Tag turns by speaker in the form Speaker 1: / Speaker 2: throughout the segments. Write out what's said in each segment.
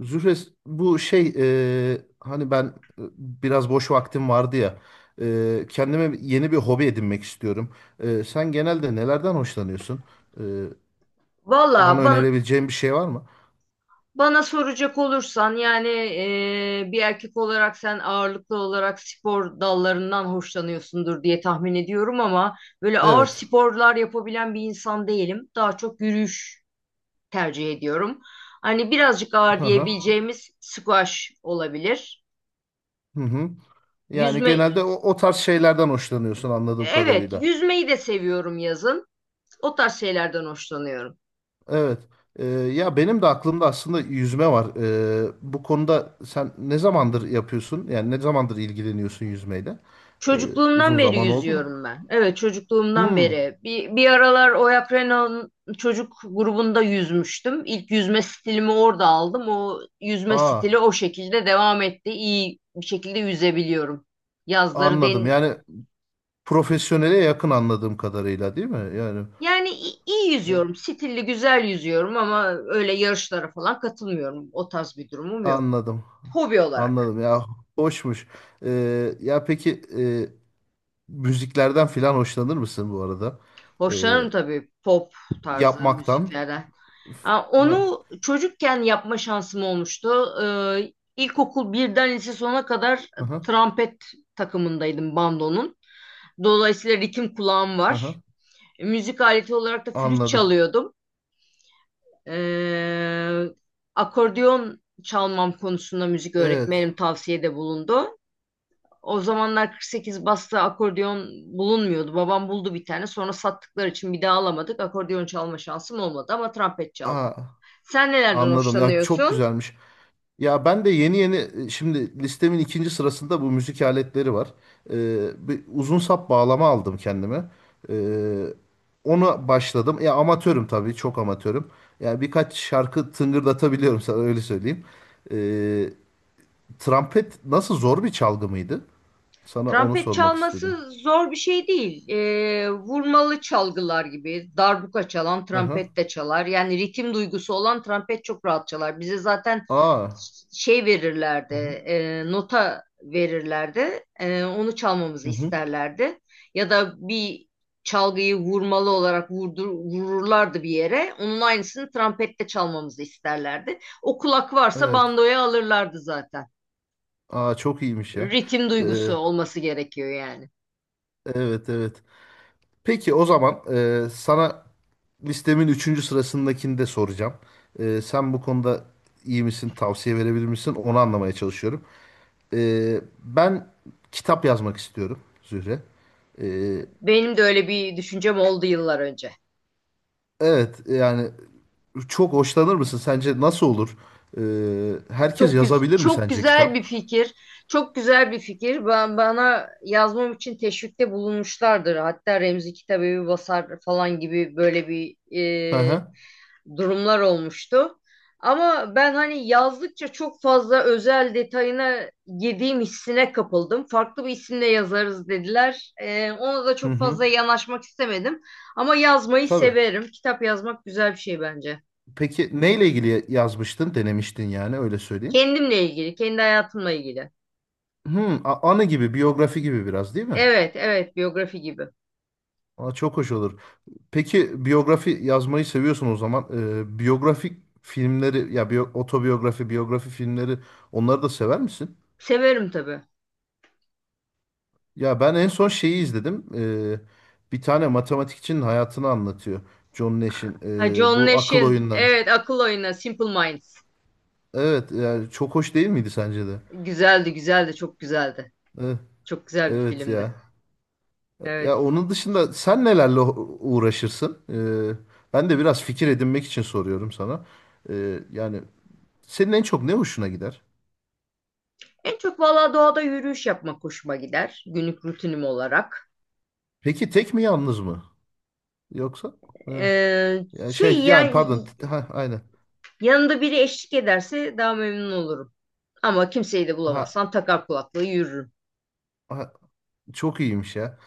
Speaker 1: Zühres bu şey hani ben, biraz boş vaktim vardı ya, kendime yeni bir hobi edinmek istiyorum. Sen genelde nelerden hoşlanıyorsun? E,
Speaker 2: Valla
Speaker 1: Bana
Speaker 2: ban-
Speaker 1: önerebileceğin bir şey var mı?
Speaker 2: Bana soracak olursan bir erkek olarak sen ağırlıklı olarak spor dallarından hoşlanıyorsundur diye tahmin ediyorum ama böyle ağır
Speaker 1: Evet.
Speaker 2: sporlar yapabilen bir insan değilim. Daha çok yürüyüş tercih ediyorum. Hani birazcık ağır
Speaker 1: Hı hı.
Speaker 2: diyebileceğimiz squash olabilir.
Speaker 1: Hı hı. Yani
Speaker 2: Yüzme,
Speaker 1: genelde o tarz şeylerden hoşlanıyorsun anladığım
Speaker 2: evet
Speaker 1: kadarıyla.
Speaker 2: yüzmeyi de seviyorum yazın. O tarz şeylerden hoşlanıyorum.
Speaker 1: Evet. Ya benim de aklımda aslında yüzme var. Bu konuda sen ne zamandır yapıyorsun? Yani ne zamandır ilgileniyorsun yüzmeyle? E,
Speaker 2: Çocukluğumdan
Speaker 1: Uzun
Speaker 2: beri
Speaker 1: zaman oldu mu?
Speaker 2: yüzüyorum ben. Evet, çocukluğumdan
Speaker 1: Hmm.
Speaker 2: beri. Bir aralar Oyak Renault'un çocuk grubunda yüzmüştüm. İlk yüzme stilimi orada aldım. O yüzme stili
Speaker 1: Aa,
Speaker 2: o şekilde devam etti. İyi bir şekilde yüzebiliyorum. Yazları
Speaker 1: anladım.
Speaker 2: den
Speaker 1: Yani profesyonele yakın anladığım kadarıyla, değil mi? Yani
Speaker 2: Yani iyi
Speaker 1: evet,
Speaker 2: yüzüyorum. Stilli, güzel yüzüyorum ama öyle yarışlara falan katılmıyorum. O tarz bir durumum yok.
Speaker 1: anladım.
Speaker 2: Hobi olarak.
Speaker 1: Anladım ya. Hoşmuş. Ya peki, müziklerden filan hoşlanır mısın bu arada? Ee,
Speaker 2: Hoşlanırım tabii pop tarzı
Speaker 1: Yapmaktan.
Speaker 2: müziklerden. Ha,
Speaker 1: ha-
Speaker 2: onu çocukken yapma şansım olmuştu. İlkokul birden lise sona kadar
Speaker 1: hı hı,
Speaker 2: trompet takımındaydım bandonun. Dolayısıyla ritim kulağım
Speaker 1: hı hı.
Speaker 2: var. Müzik aleti olarak da flüt
Speaker 1: Anladım.
Speaker 2: çalıyordum. Ee, Akordeon çalmam konusunda müzik
Speaker 1: Evet.
Speaker 2: öğretmenim tavsiyede bulundu. O zamanlar 48 basta akordeon bulunmuyordu. Babam buldu bir tane. Sonra sattıkları için bir daha alamadık. Akordeon çalma şansım olmadı ama trompet
Speaker 1: Aa,
Speaker 2: çaldım. Sen nelerden
Speaker 1: anladım. Ya çok
Speaker 2: hoşlanıyorsun?
Speaker 1: güzelmiş. Ya ben de yeni yeni, şimdi listemin ikinci sırasında bu müzik aletleri var. Bir uzun sap bağlama aldım kendime. Ee, Ona başladım. Ya amatörüm tabii, çok amatörüm. Yani birkaç şarkı tıngırdatabiliyorum, sana öyle söyleyeyim. Ee, Trompet nasıl, zor bir çalgı mıydı? Sana onu
Speaker 2: Trompet
Speaker 1: sormak istedim.
Speaker 2: çalması zor bir şey değil. Vurmalı çalgılar gibi darbuka çalan
Speaker 1: Hı hı.
Speaker 2: trompet de çalar. Yani ritim duygusu olan trompet çok rahat çalar. Bize zaten
Speaker 1: Aa.
Speaker 2: şey verirlerdi,
Speaker 1: Hı hı.
Speaker 2: nota verirlerdi. Onu çalmamızı
Speaker 1: Hı hı.
Speaker 2: isterlerdi. Ya da bir çalgıyı vurmalı olarak vururlardı bir yere. Onun aynısını trompette çalmamızı isterlerdi. O kulak varsa
Speaker 1: Evet.
Speaker 2: bandoya alırlardı zaten.
Speaker 1: Aa çok iyiymiş ya.
Speaker 2: Ritim
Speaker 1: Ee,
Speaker 2: duygusu olması gerekiyor yani.
Speaker 1: evet evet. Peki o zaman, sana listemin üçüncü sırasındakini de soracağım. Sen bu konuda iyi misin, tavsiye verebilir misin? Onu anlamaya çalışıyorum. Ben kitap yazmak istiyorum Zühre. Ee,
Speaker 2: Benim de öyle bir düşüncem oldu yıllar önce.
Speaker 1: evet yani çok hoşlanır mısın? Sence nasıl olur? Herkes yazabilir mi
Speaker 2: Çok
Speaker 1: sence
Speaker 2: güzel bir
Speaker 1: kitap?
Speaker 2: fikir. Çok güzel bir fikir. Ben bana yazmam için teşvikte bulunmuşlardır. Hatta Remzi Kitabevi basar falan gibi böyle bir
Speaker 1: Hı
Speaker 2: e,
Speaker 1: hı.
Speaker 2: durumlar olmuştu. Ama ben hani yazdıkça çok fazla özel detayına girdiğim hissine kapıldım. Farklı bir isimle yazarız dediler. E, ona da
Speaker 1: Hı
Speaker 2: çok
Speaker 1: hı.
Speaker 2: fazla yanaşmak istemedim. Ama yazmayı
Speaker 1: Tabii.
Speaker 2: severim. Kitap yazmak güzel bir şey bence.
Speaker 1: Peki neyle ilgili yazmıştın, denemiştin, yani öyle söyleyeyim.
Speaker 2: Kendimle ilgili, kendi hayatımla ilgili.
Speaker 1: Hmm, anı gibi, biyografi gibi biraz, değil mi?
Speaker 2: Evet, evet, biyografi gibi.
Speaker 1: Aa, çok hoş olur. Peki biyografi yazmayı seviyorsun o zaman. Biyografik filmleri, ya otobiyografi, biyografi filmleri, onları da sever misin?
Speaker 2: Severim tabii.
Speaker 1: Ya ben en son şeyi izledim. Bir tane matematikçinin hayatını anlatıyor. John Nash'in
Speaker 2: Ha, John
Speaker 1: bu akıl
Speaker 2: Nash'in,
Speaker 1: oyunları.
Speaker 2: evet, Akıl Oyunu, Simple Minds.
Speaker 1: Evet, yani çok hoş değil miydi sence de?
Speaker 2: Güzeldi, güzeldi, çok güzeldi.
Speaker 1: Evet,
Speaker 2: Çok güzel bir
Speaker 1: evet
Speaker 2: filmdi.
Speaker 1: ya. Ya
Speaker 2: Evet.
Speaker 1: onun dışında sen nelerle uğraşırsın? Ben de biraz fikir edinmek için soruyorum sana. Yani senin en çok ne hoşuna gider?
Speaker 2: En çok valla doğada yürüyüş yapmak hoşuma gider. Günlük rutinim olarak.
Speaker 1: Peki tek mi, yalnız mı? Yoksa hı.
Speaker 2: Ee,
Speaker 1: Ya
Speaker 2: şey
Speaker 1: şey yani
Speaker 2: yani
Speaker 1: pardon, ha, aynen.
Speaker 2: Yanında biri eşlik ederse daha memnun olurum. Ama kimseyi de
Speaker 1: Ha,
Speaker 2: bulamazsam takar kulaklığı yürürüm.
Speaker 1: ha, çok iyiymiş ya.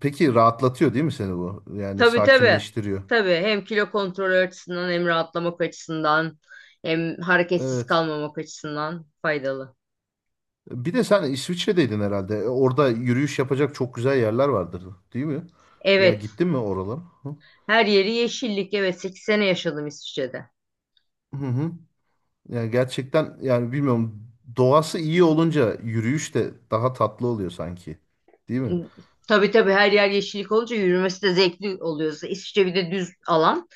Speaker 1: Peki rahatlatıyor değil mi seni bu? Yani
Speaker 2: Tabii tabii.
Speaker 1: sakinleştiriyor.
Speaker 2: Tabii hem kilo kontrolü açısından hem rahatlamak açısından hem hareketsiz
Speaker 1: Evet.
Speaker 2: kalmamak açısından faydalı.
Speaker 1: Bir de sen İsviçre'deydin herhalde. E, orada yürüyüş yapacak çok güzel yerler vardır, değil mi? Ya
Speaker 2: Evet,
Speaker 1: gittin mi oralara? Hı
Speaker 2: her yeri yeşillik. Evet, 8 sene yaşadım İsviçre'de.
Speaker 1: hı, hı. Yani gerçekten, yani bilmiyorum, doğası iyi olunca yürüyüş de daha tatlı oluyor sanki. Değil mi?
Speaker 2: Tabii tabii her yer yeşillik olunca yürümesi de zevkli oluyor. İsviçre bir de düz alan.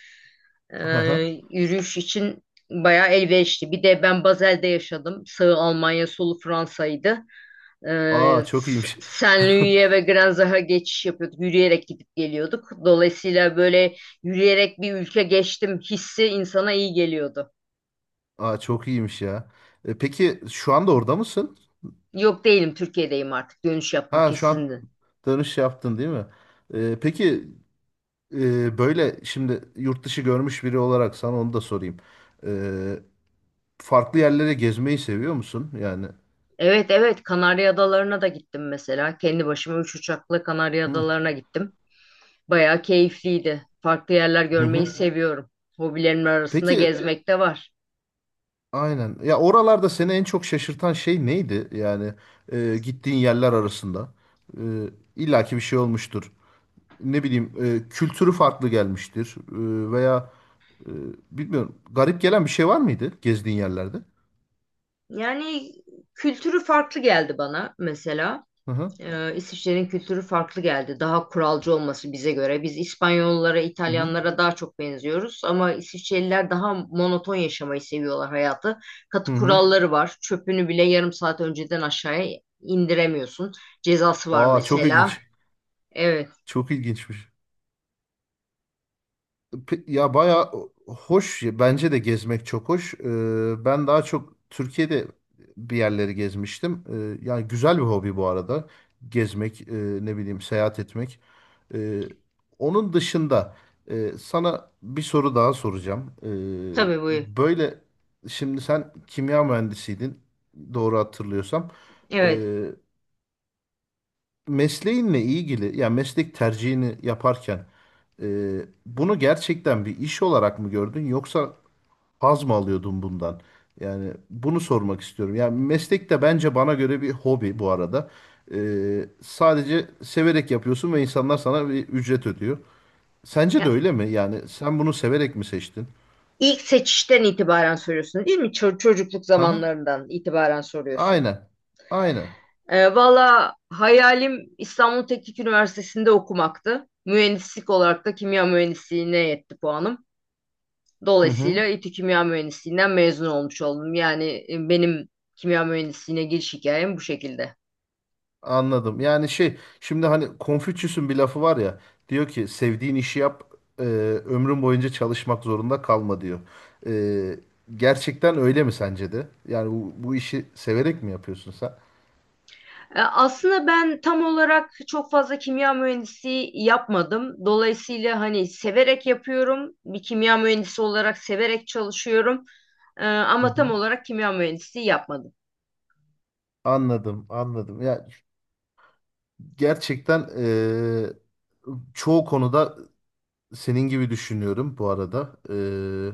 Speaker 1: Aha.
Speaker 2: Yürüyüş için bayağı elverişli. Bir de ben Basel'de yaşadım. Sağı Almanya, solu Fransa'ydı.
Speaker 1: Aa çok iyiymiş.
Speaker 2: Saint-Louis'e ve Granzach'a geçiş yapıyorduk. Yürüyerek gidip geliyorduk. Dolayısıyla böyle yürüyerek bir ülke geçtim hissi insana iyi geliyordu.
Speaker 1: Aa çok iyiymiş ya. Peki şu anda orada mısın?
Speaker 2: Yok değilim, Türkiye'deyim artık. Dönüş yaptım
Speaker 1: Ha şu an
Speaker 2: kesinlikle.
Speaker 1: tanış yaptın değil mi? Peki, böyle şimdi yurt dışı görmüş biri olarak sana onu da sorayım. Ee, Farklı yerlere gezmeyi seviyor musun? Yani.
Speaker 2: Evet evet, Kanarya Adaları'na da gittim mesela. Kendi başıma 3 uçakla Kanarya
Speaker 1: Hı
Speaker 2: Adaları'na gittim. Bayağı keyifliydi. Farklı yerler
Speaker 1: hı,
Speaker 2: görmeyi, hı hı,
Speaker 1: hı.
Speaker 2: seviyorum. Hobilerimin arasında, peki,
Speaker 1: Peki
Speaker 2: gezmek de var.
Speaker 1: aynen. Ya oralarda seni en çok şaşırtan şey neydi? Yani gittiğin yerler arasında. E, illaki bir şey olmuştur. Ne bileyim, kültürü farklı gelmiştir. Veya, e, bilmiyorum, garip gelen bir şey var mıydı gezdiğin yerlerde?
Speaker 2: Yani kültürü farklı geldi bana mesela.
Speaker 1: Hı hı.
Speaker 2: İsviçre'nin kültürü farklı geldi. Daha kuralcı olması bize göre. Biz İspanyollara,
Speaker 1: Hı hı.
Speaker 2: İtalyanlara daha çok benziyoruz ama İsviçreliler daha monoton yaşamayı seviyorlar hayatı.
Speaker 1: Hı
Speaker 2: Katı
Speaker 1: hı.
Speaker 2: kuralları var. Çöpünü bile yarım saat önceden aşağıya indiremiyorsun. Cezası var
Speaker 1: Aa çok
Speaker 2: mesela.
Speaker 1: ilginç.
Speaker 2: Evet,
Speaker 1: Çok ilginçmiş. Ya bayağı hoş. Bence de gezmek çok hoş. Ben daha çok Türkiye'de bir yerleri gezmiştim. Yani güzel bir hobi bu arada. Gezmek, ne bileyim, seyahat etmek. Ee, Onun dışında, sana bir soru daha soracağım.
Speaker 2: tabii bu.
Speaker 1: Böyle şimdi sen kimya mühendisiydin. Doğru hatırlıyorsam.
Speaker 2: Evet.
Speaker 1: Ee, Mesleğinle ilgili, ya meslek tercihini yaparken, e, bunu gerçekten bir iş olarak mı gördün, yoksa haz mı alıyordun bundan? Yani bunu sormak istiyorum. Yani meslek de bence bana göre bir hobi bu arada. E, sadece severek yapıyorsun ve insanlar sana bir ücret ödüyor. Sence de
Speaker 2: Ya,
Speaker 1: öyle mi? Yani sen bunu severek mi seçtin?
Speaker 2: ilk seçişten itibaren soruyorsun, değil mi? Çocukluk
Speaker 1: Aha, hı.
Speaker 2: zamanlarından itibaren soruyorsun.
Speaker 1: Aynen. Aynen.
Speaker 2: E, valla hayalim İstanbul Teknik Üniversitesi'nde okumaktı. Mühendislik olarak da kimya mühendisliğine yetti puanım.
Speaker 1: Hı hı.
Speaker 2: Dolayısıyla İTÜ Kimya Mühendisliğinden mezun olmuş oldum. Yani benim kimya mühendisliğine giriş hikayem bu şekilde.
Speaker 1: Anladım. Yani şey, şimdi hani Konfüçyüs'ün bir lafı var ya, diyor ki sevdiğin işi yap, e, ömrün boyunca çalışmak zorunda kalma diyor. E, Gerçekten öyle mi sence de? Yani bu işi severek mi yapıyorsun sen?
Speaker 2: E, aslında ben tam olarak çok fazla kimya mühendisliği yapmadım. Dolayısıyla hani severek yapıyorum. Bir kimya mühendisi olarak severek çalışıyorum. E,
Speaker 1: Hı
Speaker 2: ama tam
Speaker 1: hı.
Speaker 2: olarak kimya mühendisliği yapmadım.
Speaker 1: Anladım, anladım. Ya gerçekten, çoğu konuda senin gibi düşünüyorum bu arada.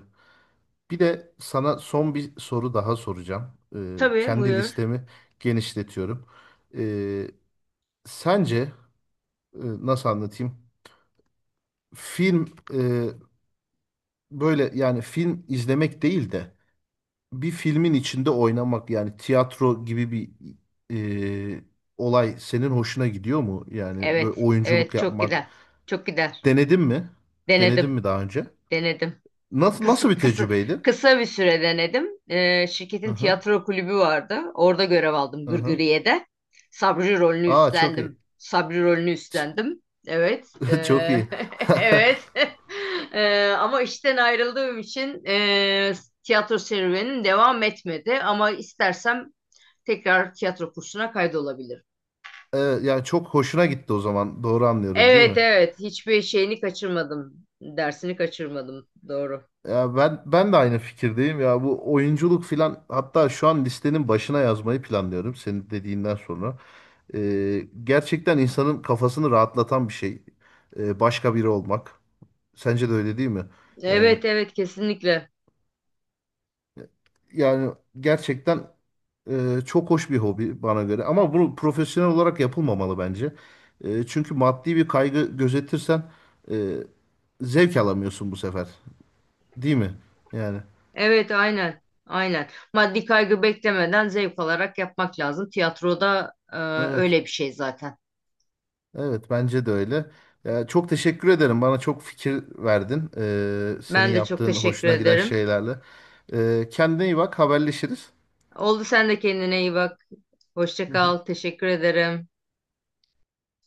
Speaker 1: Bir de sana son bir soru daha soracağım.
Speaker 2: Tabii
Speaker 1: Kendi
Speaker 2: buyur.
Speaker 1: listemi genişletiyorum. Sence, e, nasıl anlatayım? Film, e, böyle yani film izlemek değil de bir filmin içinde oynamak, yani tiyatro gibi bir e, olay senin hoşuna gidiyor mu? Yani böyle
Speaker 2: Evet,
Speaker 1: oyunculuk
Speaker 2: evet çok
Speaker 1: yapmak.
Speaker 2: gider. Çok gider.
Speaker 1: Denedin mi? Denedin
Speaker 2: Denedim,
Speaker 1: mi daha önce?
Speaker 2: denedim.
Speaker 1: Nasıl
Speaker 2: Kısa,
Speaker 1: nasıl bir
Speaker 2: kısa,
Speaker 1: tecrübeydi?
Speaker 2: Kısa bir süre denedim.
Speaker 1: Hı
Speaker 2: Şirketin
Speaker 1: hı,
Speaker 2: tiyatro kulübü vardı. Orada görev aldım
Speaker 1: hı hı.
Speaker 2: Gırgıriye'de. Sabri rolünü
Speaker 1: Aa çok iyi.
Speaker 2: üstlendim. Sabri rolünü üstlendim. Evet,
Speaker 1: Çok iyi.
Speaker 2: evet. Ama işten ayrıldığım için tiyatro serüvenim devam etmedi. Ama istersem tekrar tiyatro kursuna kaydolabilirim.
Speaker 1: E, yani çok hoşuna gitti o zaman. Doğru anlıyorum değil
Speaker 2: Evet
Speaker 1: mi?
Speaker 2: evet, hiçbir şeyini kaçırmadım. Dersini kaçırmadım. Doğru.
Speaker 1: Ya ben de aynı fikirdeyim ya, bu oyunculuk filan, hatta şu an listenin başına yazmayı planlıyorum senin dediğinden sonra. Gerçekten insanın kafasını rahatlatan bir şey. Başka biri olmak. Sence de öyle değil mi? Yani
Speaker 2: Evet evet, kesinlikle.
Speaker 1: yani gerçekten, çok hoş bir hobi bana göre, ama bunu profesyonel olarak yapılmamalı bence. Çünkü maddi bir kaygı gözetirsen, e, zevk alamıyorsun bu sefer. Değil mi? Yani
Speaker 2: Evet aynen. Aynen. Maddi kaygı beklemeden zevk alarak yapmak lazım. Tiyatroda
Speaker 1: evet.
Speaker 2: öyle bir şey zaten.
Speaker 1: Evet bence de öyle. Ya, çok teşekkür ederim. Bana çok fikir verdin. Senin
Speaker 2: Ben de çok
Speaker 1: yaptığın
Speaker 2: teşekkür
Speaker 1: hoşuna giden
Speaker 2: ederim.
Speaker 1: şeylerle. Kendine iyi bak. Haberleşiriz.
Speaker 2: Oldu, sen de kendine iyi bak. Hoşça
Speaker 1: Hı
Speaker 2: kal.
Speaker 1: hı.
Speaker 2: Teşekkür ederim.